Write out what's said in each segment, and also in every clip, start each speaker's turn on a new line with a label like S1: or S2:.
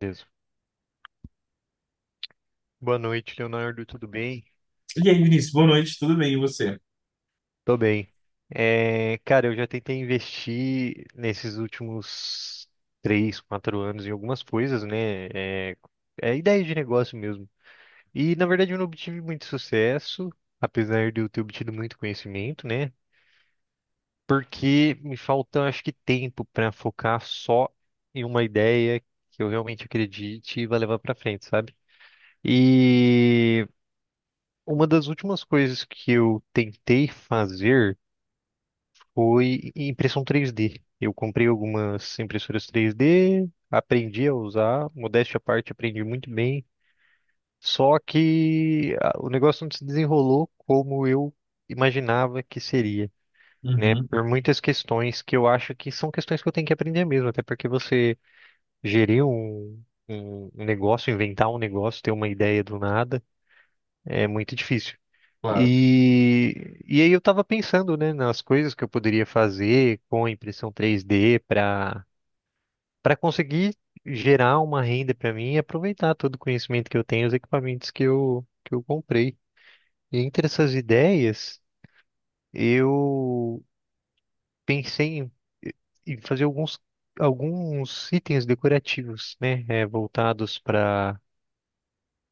S1: Beleza. Boa noite, Leonardo. Tudo bem?
S2: E aí, Vinícius, boa noite, tudo bem? E você?
S1: Tô bem. É, cara, eu já tentei investir nesses últimos três, quatro anos em algumas coisas, né? É, ideia de negócio mesmo. E na verdade eu não obtive muito sucesso, apesar de eu ter obtido muito conhecimento, né? Porque me falta, acho que, tempo para focar só em uma ideia que eu realmente acredite e vá levar para frente, sabe? E uma das últimas coisas que eu tentei fazer foi impressão 3D. Eu comprei algumas impressoras 3D, aprendi a usar, modéstia à parte, aprendi muito bem. Só que o negócio não se desenrolou como eu imaginava que seria, né?
S2: Uhum,
S1: Por muitas questões que eu acho que são questões que eu tenho que aprender mesmo, até porque você gerir um negócio, inventar um negócio, ter uma ideia do nada, é muito difícil.
S2: claro.
S1: E aí eu tava pensando, né, nas coisas que eu poderia fazer com a impressão 3D para conseguir gerar uma renda para mim e aproveitar todo o conhecimento que eu tenho, os equipamentos que eu comprei. E entre essas ideias, eu pensei em fazer alguns itens decorativos, né, voltados para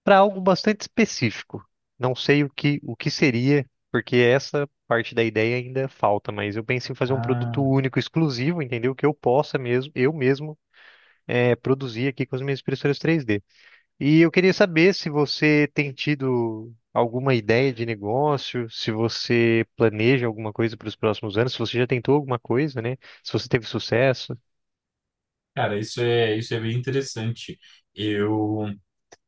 S1: para algo bastante específico. Não sei o que seria, porque essa parte da ideia ainda falta, mas eu penso em fazer um produto
S2: Ah,
S1: único, exclusivo, entendeu? Que eu possa mesmo, eu mesmo, produzir aqui com as minhas impressoras 3D. E eu queria saber se você tem tido alguma ideia de negócio, se você planeja alguma coisa para os próximos anos, se você já tentou alguma coisa, né? Se você teve sucesso.
S2: Cara, isso é bem interessante. Eu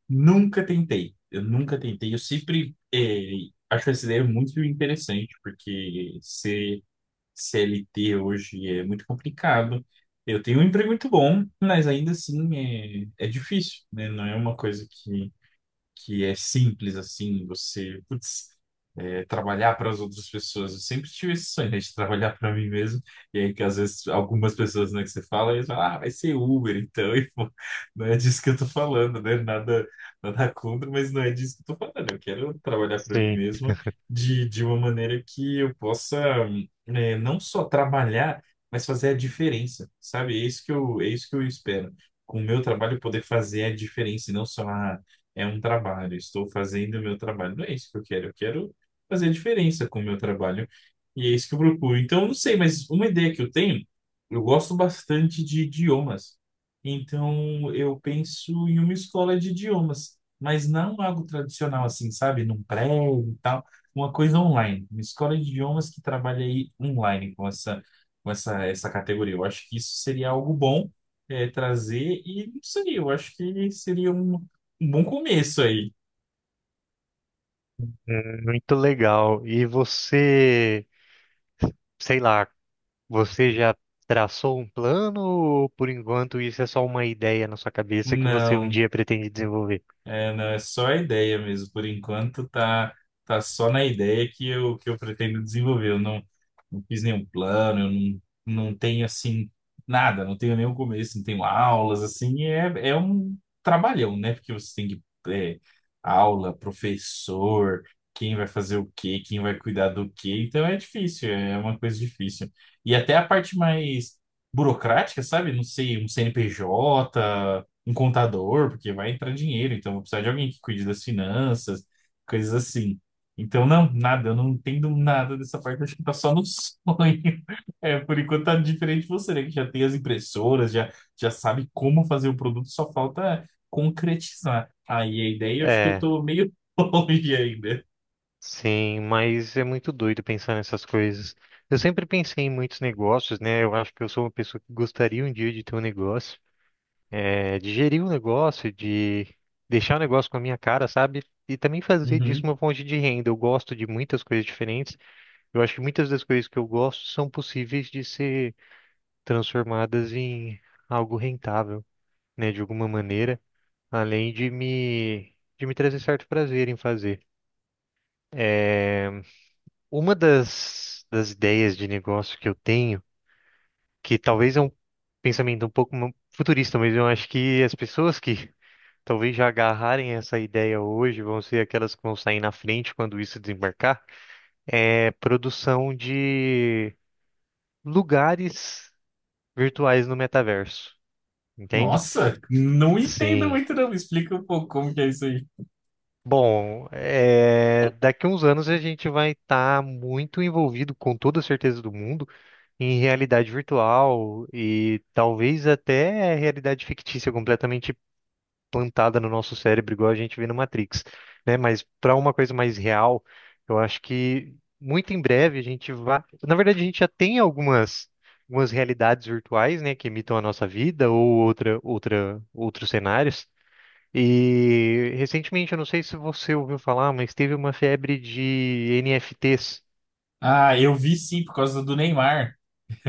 S2: eu nunca tentei. Eu sempre acho essa ideia muito interessante, porque ser CLT hoje é muito complicado. Eu tenho um emprego muito bom, mas ainda assim é difícil, né? Não é uma coisa que é simples assim, você, putz, trabalhar para as outras pessoas. Eu sempre tive esse sonho, né, de trabalhar para mim mesmo. E aí que às vezes algumas pessoas, né, que você fala, eles falam, ah, vai ser Uber, então, e pô, não é disso que eu tô falando, né? Nada contra, mas não é disso que eu tô falando. Eu quero trabalhar para mim
S1: Sim.
S2: mesmo de uma maneira que eu possa, né, não só trabalhar, mas fazer a diferença, sabe? É isso que eu espero. Com o meu trabalho, poder fazer a diferença, e não só, ah, é um trabalho, estou fazendo o meu trabalho. Não é isso que eu quero fazer a diferença com o meu trabalho. E é isso que eu procuro. Então, eu não sei, mas uma ideia que eu tenho, eu gosto bastante de idiomas. Então, eu penso em uma escola de idiomas, mas não algo tradicional assim, sabe? Num prédio e tal, uma coisa online. Uma escola de idiomas que trabalha aí online com essa, essa categoria. Eu acho que isso seria algo bom trazer e não sei, eu acho que seria um bom começo aí.
S1: Muito legal. E você, sei lá, você já traçou um plano ou por enquanto isso é só uma ideia na sua cabeça que você um
S2: Não,
S1: dia pretende desenvolver?
S2: não, é só a ideia mesmo. Por enquanto, tá só na ideia que eu pretendo desenvolver. Eu não, não fiz nenhum plano, eu não, não tenho assim nada, não tenho nenhum começo, não tenho aulas, assim, é um trabalhão, né? Porque você tem que é, aula, professor, quem vai fazer o quê, quem vai cuidar do quê. Então é difícil, é uma coisa difícil. E até a parte mais burocrática, sabe? Não sei, um CNPJ, um contador, porque vai entrar dinheiro, então eu vou precisar de alguém que cuide das finanças, coisas assim. Então, não, nada, eu não entendo nada dessa parte, acho que tá só no sonho. É, por enquanto tá diferente de você, né? Que já tem as impressoras, já sabe como fazer o produto, só falta concretizar. Aí a ideia, eu acho que eu
S1: É,
S2: tô meio longe ainda.
S1: sim, mas é muito doido pensar nessas coisas. Eu sempre pensei em muitos negócios, né? Eu acho que eu sou uma pessoa que gostaria um dia de ter um negócio, é, de gerir um negócio, de deixar o negócio com a minha cara, sabe? E também fazer disso
S2: Uhum.
S1: uma fonte de renda. Eu gosto de muitas coisas diferentes. Eu acho que muitas das coisas que eu gosto são possíveis de ser transformadas em algo rentável, né, de alguma maneira, além de me trazer certo prazer em fazer. É, uma das ideias de negócio que eu tenho, que talvez é um pensamento um pouco futurista, mas eu acho que as pessoas que talvez já agarrarem essa ideia hoje vão ser aquelas que vão sair na frente quando isso desembarcar, é produção de lugares virtuais no metaverso. Entende?
S2: Nossa, não entendo
S1: Sim.
S2: muito não, me explica um pouco como que é isso aí.
S1: Bom, é, daqui a uns anos a gente vai estar muito envolvido, com toda a certeza do mundo, em realidade virtual e talvez até realidade fictícia completamente plantada no nosso cérebro, igual a gente vê no Matrix, né? Mas para uma coisa mais real, eu acho que muito em breve a gente vai. Na verdade, a gente já tem algumas realidades virtuais, né, que imitam a nossa vida ou outros cenários. E recentemente, eu não sei se você ouviu falar, mas teve uma febre de NFTs.
S2: Ah, eu vi sim, por causa do Neymar.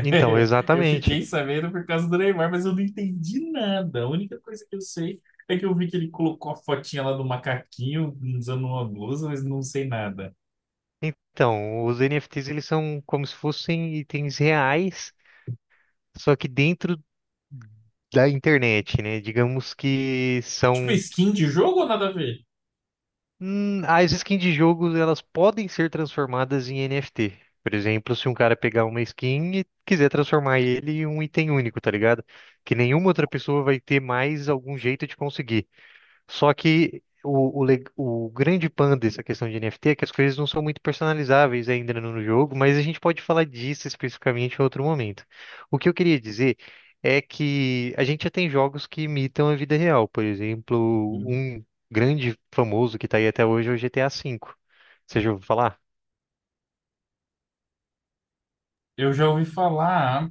S1: Então,
S2: Eu
S1: exatamente.
S2: fiquei sabendo por causa do Neymar, mas eu não entendi nada. A única coisa que eu sei é que eu vi que ele colocou a fotinha lá do macaquinho usando uma blusa, mas não sei nada.
S1: Então, os NFTs eles são como se fossem itens reais, só que dentro da internet, né? Digamos que
S2: Tipo,
S1: são
S2: skin de jogo ou nada a ver?
S1: as skins de jogos, elas podem ser transformadas em NFT. Por exemplo, se um cara pegar uma skin e quiser transformar ele em um item único, tá ligado? Que nenhuma outra pessoa vai ter mais algum jeito de conseguir. Só que o grande pan dessa questão de NFT é que as coisas não são muito personalizáveis ainda no jogo, mas a gente pode falar disso especificamente em outro momento. O que eu queria dizer é que a gente já tem jogos que imitam a vida real, por exemplo,
S2: Uhum.
S1: um grande famoso que está aí até hoje é o GTA V. Você já ouviu falar?
S2: Eu já ouvi falar,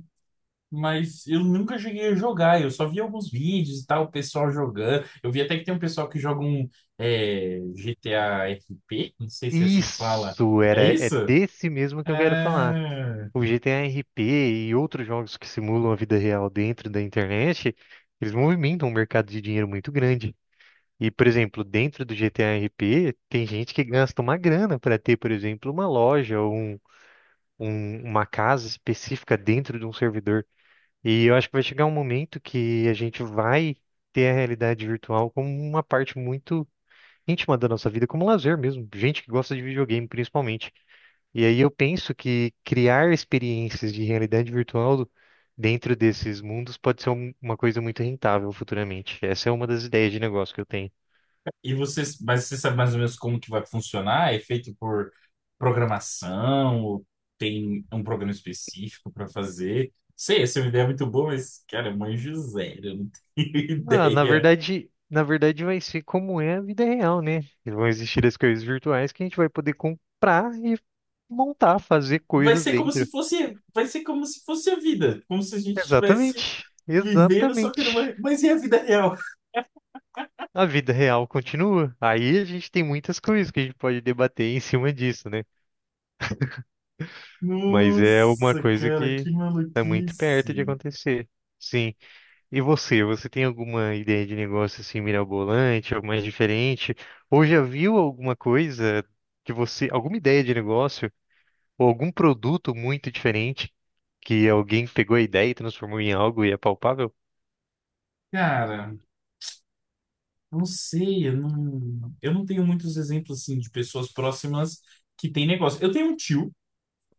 S2: mas eu nunca cheguei a jogar. Eu só vi alguns vídeos e tal, o pessoal jogando. Eu vi até que tem um pessoal que joga um GTA RP, não sei se é assim que fala.
S1: Isso, era,
S2: É
S1: é
S2: isso?
S1: desse mesmo que eu quero falar.
S2: Ah.
S1: O GTA RP e outros jogos que simulam a vida real dentro da internet, eles movimentam um mercado de dinheiro muito grande. E, por exemplo, dentro do GTA RP, tem gente que gasta uma grana para ter, por exemplo, uma loja ou uma casa específica dentro de um servidor. E eu acho que vai chegar um momento que a gente vai ter a realidade virtual como uma parte muito íntima da nossa vida, como lazer mesmo. Gente que gosta de videogame, principalmente. E aí eu penso que criar experiências de realidade virtual dentro desses mundos pode ser uma coisa muito rentável futuramente. Essa é uma das ideias de negócio que eu tenho.
S2: E você, mas você sabe mais ou menos como que vai funcionar? É feito por programação? Ou tem um programa específico para fazer? Sei, essa é uma ideia muito boa, mas, cara, manjo zero, eu não tenho
S1: Ah, na
S2: ideia.
S1: verdade, na verdade vai ser como é a vida real, né? Vão existir as coisas virtuais que a gente vai poder comprar e montar, fazer coisas dentro.
S2: Vai ser como se fosse a vida, como se a gente estivesse
S1: Exatamente.
S2: vivendo só que
S1: Exatamente.
S2: numa, mas e a vida real?
S1: A vida real continua. Aí a gente tem muitas coisas que a gente pode debater em cima disso, né? Mas é uma
S2: Nossa,
S1: coisa
S2: cara,
S1: que
S2: que
S1: está muito perto de
S2: maluquice.
S1: acontecer. Sim. E você tem alguma ideia de negócio assim mirabolante, algo mais diferente? Ou já viu alguma coisa que você, alguma ideia de negócio ou algum produto muito diferente que alguém pegou a ideia e transformou em algo e é palpável?
S2: Cara, não sei, eu não tenho muitos exemplos assim de pessoas próximas que têm negócio. Eu tenho um tio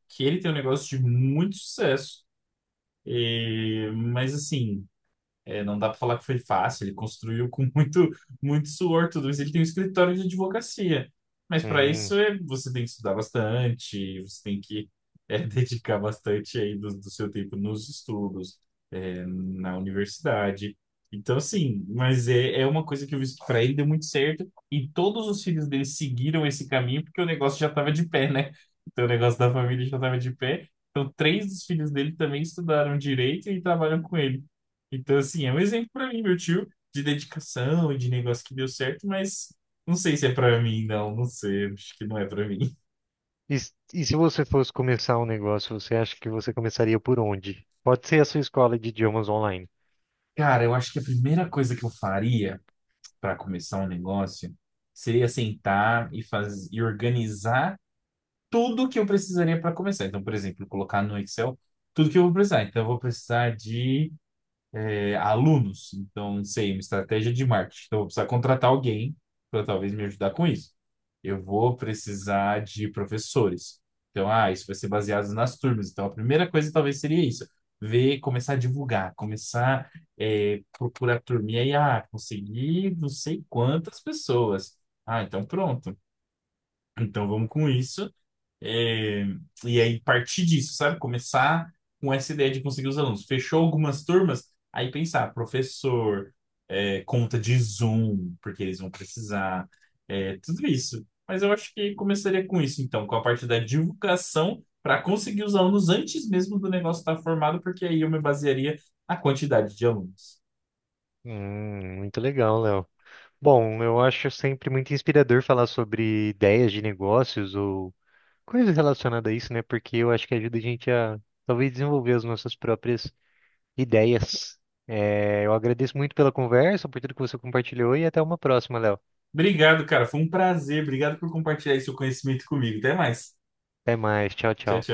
S2: que ele tem um negócio de muito sucesso, mas assim. É, não dá para falar que foi fácil, ele construiu com muito suor tudo isso. Ele tem um escritório de advocacia, mas para
S1: Hum.
S2: isso é, você tem que estudar bastante, você tem que dedicar bastante aí do seu tempo nos estudos, é, na universidade. Então, assim, mas é uma coisa que eu vi que para ele deu muito certo e todos os filhos dele seguiram esse caminho porque o negócio já estava de pé, né? Então, o negócio da família já estava de pé. Então, três dos filhos dele também estudaram direito e trabalham com ele. Então, assim, é um exemplo pra mim, meu tio, de dedicação e de negócio que deu certo, mas não sei se é pra mim, não sei, acho que não é pra mim.
S1: E se você fosse começar um negócio, você acha que você começaria por onde? Pode ser a sua escola de idiomas online.
S2: Cara, eu acho que a primeira coisa que eu faria para começar um negócio seria sentar e fazer e organizar tudo que eu precisaria para começar. Então, por exemplo, colocar no Excel tudo que eu vou precisar. Então, eu vou precisar de alunos. Então, não sei, uma estratégia de marketing. Então, eu vou precisar contratar alguém para talvez me ajudar com isso. Eu vou precisar de professores. Então, ah, isso vai ser baseado nas turmas. Então, a primeira coisa talvez seria isso. Ver, começar a divulgar, começar procurar turma. E aí, ah, consegui não sei quantas pessoas. Ah, então pronto. Então vamos com isso. É, e aí partir disso, sabe? Começar com essa ideia de conseguir os alunos. Fechou algumas turmas, aí pensar, professor, é, conta de Zoom, porque eles vão precisar, é, tudo isso. Mas eu acho que começaria com isso, então, com a parte da divulgação, para conseguir os alunos antes mesmo do negócio estar formado, porque aí eu me basearia na quantidade de alunos.
S1: Muito legal, Léo. Bom, eu acho sempre muito inspirador falar sobre ideias de negócios ou coisas relacionadas a isso, né? Porque eu acho que ajuda a gente a talvez desenvolver as nossas próprias ideias. É, eu agradeço muito pela conversa, por tudo que você compartilhou e até uma próxima, Léo.
S2: Obrigado, cara. Foi um prazer. Obrigado por compartilhar esse seu conhecimento comigo. Até mais.
S1: Até mais, tchau,
S2: Tchau,
S1: tchau.
S2: tchau.